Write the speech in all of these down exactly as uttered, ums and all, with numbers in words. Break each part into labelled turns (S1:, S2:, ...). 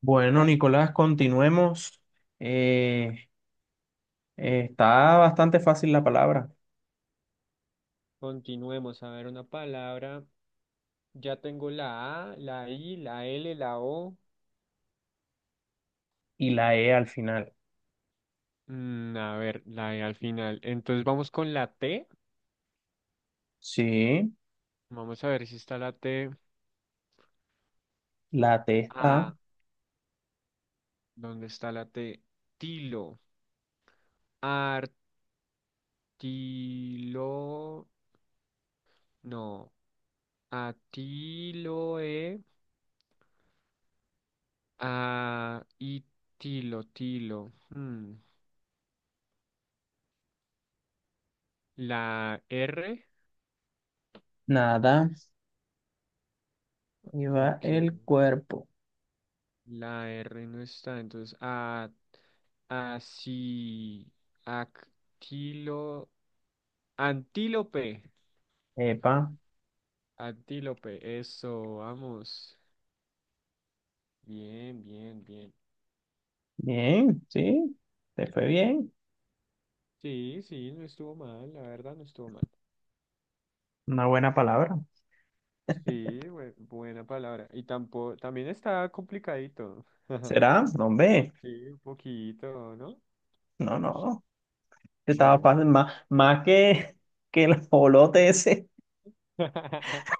S1: Bueno, Nicolás, continuemos. Eh, eh, Está bastante fácil la palabra.
S2: Continuemos a ver una palabra. Ya tengo la A, la I, la L, la O.
S1: Y la E al final.
S2: Mm, a ver, la E al final. Entonces vamos con la T.
S1: Sí,
S2: Vamos a ver si está la T.
S1: la T está.
S2: Ah, ¿dónde está la T? Tilo. Artilo. No. Atiloe. A y tilo, tilo. Mm, La R.
S1: Nada. Y va
S2: Ok.
S1: el cuerpo.
S2: La R no está, entonces a así actilo antílope.
S1: Epa.
S2: Antílope, eso, vamos. Bien, bien, bien.
S1: Bien, sí. Te fue bien.
S2: Sí, sí, no estuvo mal, la verdad no estuvo mal.
S1: Una buena palabra.
S2: Sí, bue- buena palabra. Y tampoco, también está complicadito.
S1: ¿Será? No, hombre.
S2: Sí, un poquito, ¿no?
S1: No, no. Estaba
S2: Bueno, está.
S1: fácil. Más, más que, que el jolote ese.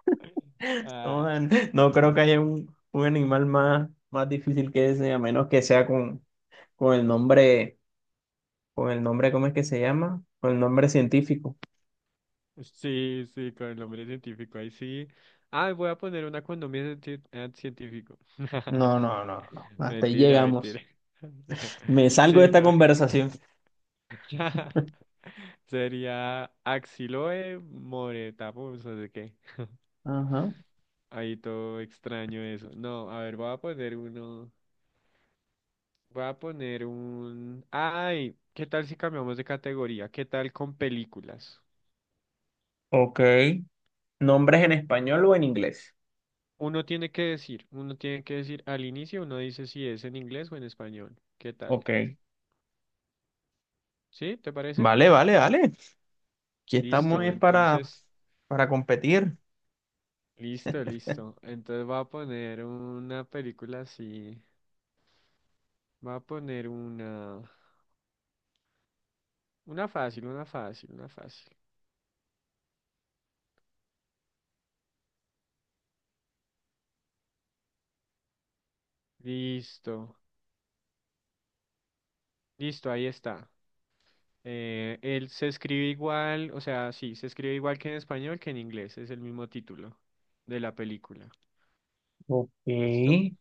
S1: No,
S2: Ah,
S1: man, no creo que haya un, un animal más, más difícil que ese, a menos que sea con, con el nombre, con el nombre, ¿cómo es que se llama? Con el nombre científico.
S2: sí, sí, con el nombre científico, ahí sí. Ah, voy a poner una con nombre cienti- eh, científico.
S1: No, no, no, no. Hasta ahí
S2: Mentira, mentira.
S1: llegamos. Me salgo de
S2: Sí,
S1: esta
S2: no.
S1: conversación.
S2: Sería Axiloe moretapus, o de qué.
S1: Ajá.
S2: Ahí todo extraño eso. No, a ver, voy a poner uno. Voy a poner un. Ay, ¿qué tal si cambiamos de categoría? ¿Qué tal con películas?
S1: Ok. ¿Nombres en español o en inglés?
S2: Uno tiene que decir, uno tiene que decir al inicio, uno dice si es en inglés o en español. ¿Qué tal?
S1: Ok.
S2: ¿Sí? ¿Te parece?
S1: Vale, vale, vale. Aquí estamos
S2: Listo,
S1: es para,
S2: entonces,
S1: para competir.
S2: listo, listo. Entonces va a poner una película así. Va a poner una, una fácil, una fácil, una fácil. Listo, listo, ahí está. Eh, él se escribe igual, o sea, sí, se escribe igual que en español que en inglés, es el mismo título de la película.
S1: Ok.
S2: ¿Listo?
S1: Mm,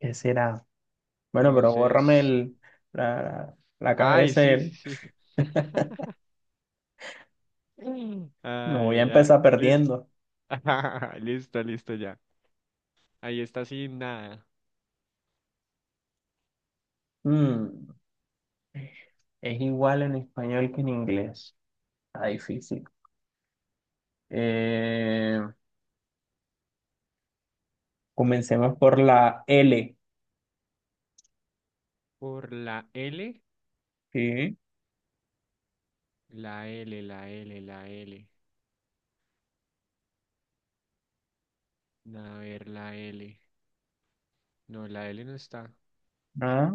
S1: ¿Qué será? Bueno, pero bórrame
S2: Entonces,
S1: el, la, la
S2: ay,
S1: cabeza,
S2: sí, sí,
S1: el-
S2: sí. Mm.
S1: No voy a
S2: Ay, ya.
S1: empezar
S2: Listo.
S1: perdiendo.
S2: Listo, listo, ya. Ahí está sin nada.
S1: Mm, es igual en español que en inglés. Está difícil. Eh, Comencemos por la L.
S2: Por la L.
S1: Sí.
S2: La L, la L, la L. A ver, la L. No, la L no está.
S1: Ah,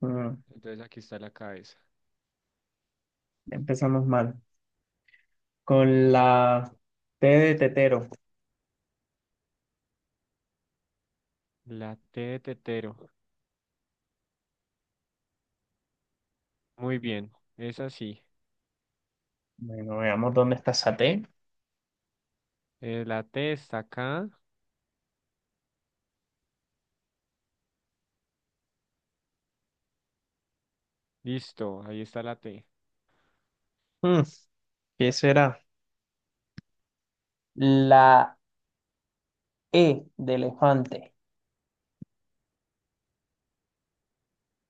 S1: mm,
S2: Entonces aquí está la cabeza.
S1: empezamos mal. Con la T de tetero.
S2: La T de tetero. Muy bien. Es así.
S1: Bueno, veamos dónde está esa T.
S2: Eh, la T está acá. Listo. Ahí está la T.
S1: Mm, ¿Qué será? La E de elefante.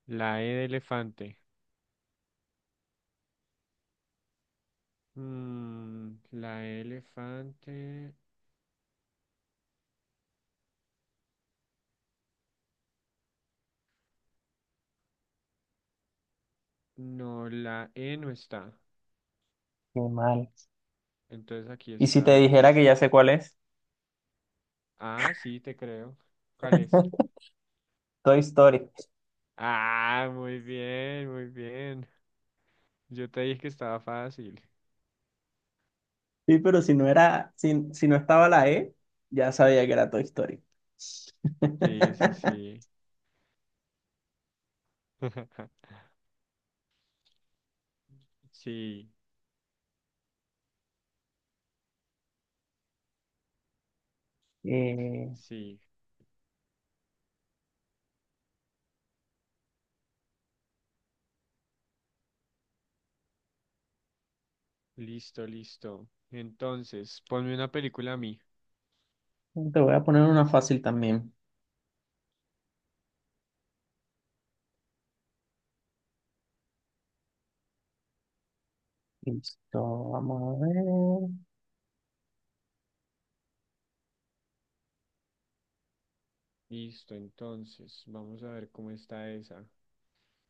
S2: La E de elefante. Mm, la E de elefante. No, la E no está.
S1: Qué mal.
S2: Entonces aquí
S1: ¿Y si te
S2: está.
S1: dijera que ya sé cuál es?
S2: Ah, sí, te creo. ¿Cuál es?
S1: Toy Story.
S2: Ah, muy bien, muy bien. Yo te dije que estaba fácil.
S1: Sí, pero si no era, si, si no estaba la E, ya sabía que era Toy Story.
S2: Sí, sí, sí. Sí,
S1: Eh,
S2: sí. Listo, listo. Entonces, ponme una película a mí.
S1: Te voy a poner una fácil también. Listo, vamos a ver.
S2: Listo, entonces, vamos a ver cómo está esa.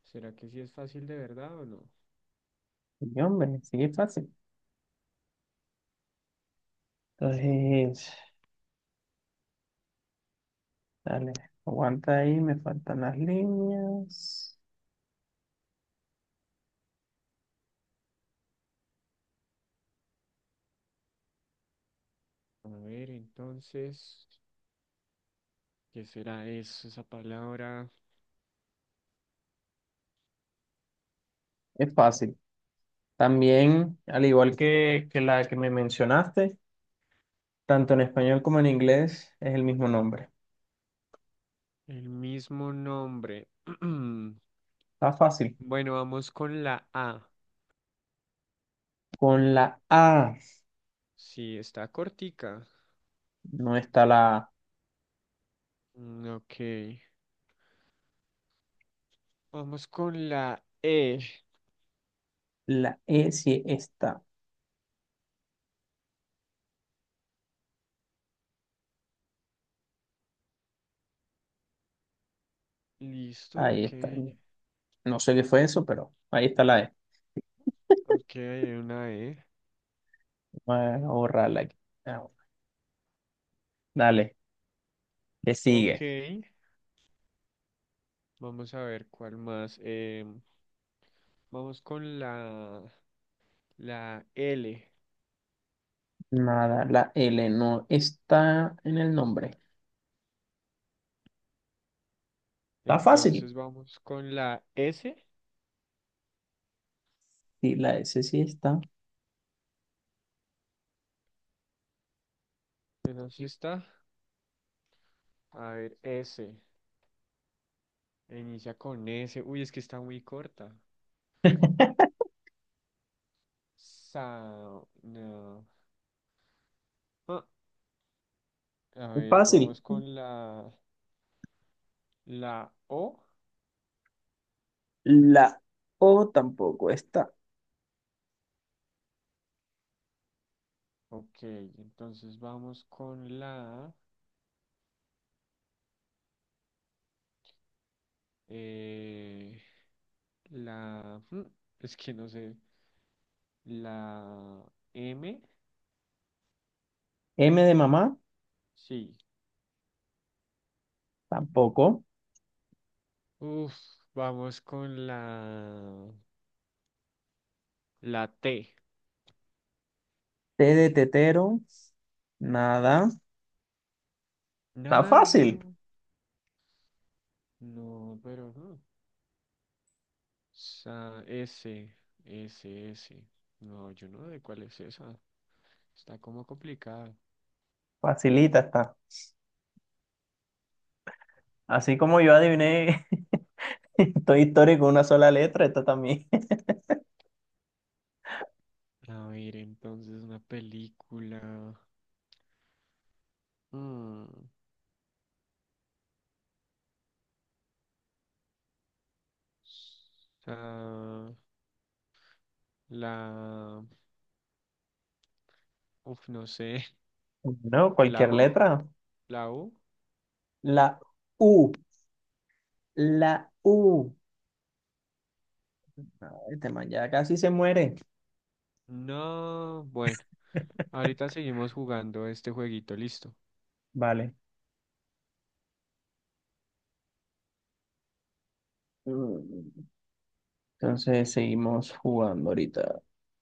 S2: ¿Será que sí es fácil de verdad o no?
S1: Y hombre, sigue fácil. Entonces, dale, aguanta ahí, me faltan las líneas.
S2: A ver, entonces, ¿qué será eso, esa palabra?
S1: Es fácil. También, al igual que, que, la que me mencionaste, tanto en español como en inglés es el mismo nombre.
S2: El mismo nombre.
S1: Está fácil.
S2: Bueno, vamos con la A.
S1: Con la A
S2: Sí, está cortica.
S1: no está la A.
S2: Mm, ok. Vamos con la E.
S1: La E sí está.
S2: Listo,
S1: Ahí está.
S2: ok.
S1: No sé qué fue eso, pero ahí está la E.
S2: Ok, hay una E.
S1: Voy a borrarla aquí. Ah, dale, le
S2: Ok.
S1: sigue.
S2: Vamos a ver cuál más. Em, vamos con la, la L.
S1: Nada, la L no está en el nombre. Está fácil.
S2: Entonces vamos con la S.
S1: Sí, la S sí está.
S2: Esa sí está. A ver, S. Inicia con S. Uy, es que está muy corta. Sa- no. Ah, a
S1: Es
S2: ver,
S1: fácil.
S2: vamos con la, la O.
S1: La O tampoco está.
S2: Ok, entonces vamos con la, eh, la, mm, es que no sé, la M,
S1: M de mamá,
S2: sí.
S1: tampoco.
S2: Uf, vamos con la, la T.
S1: T de tetero, nada. Está
S2: Nah,
S1: fácil.
S2: no, no, pero no. Sa- S, S, S. No, yo no sé cuál es esa. Está como complicada.
S1: Facilita está. Así como yo adiviné Toy Story con una sola letra, esta también.
S2: A ver, entonces una película. Mm. Sa- la, uf, no sé,
S1: No,
S2: la
S1: cualquier
S2: U,
S1: letra.
S2: la U.
S1: La U, la U. Ay, este man ya casi se muere.
S2: No, bueno, ahorita seguimos jugando este jueguito, listo.
S1: Vale. Mm, Entonces seguimos jugando ahorita.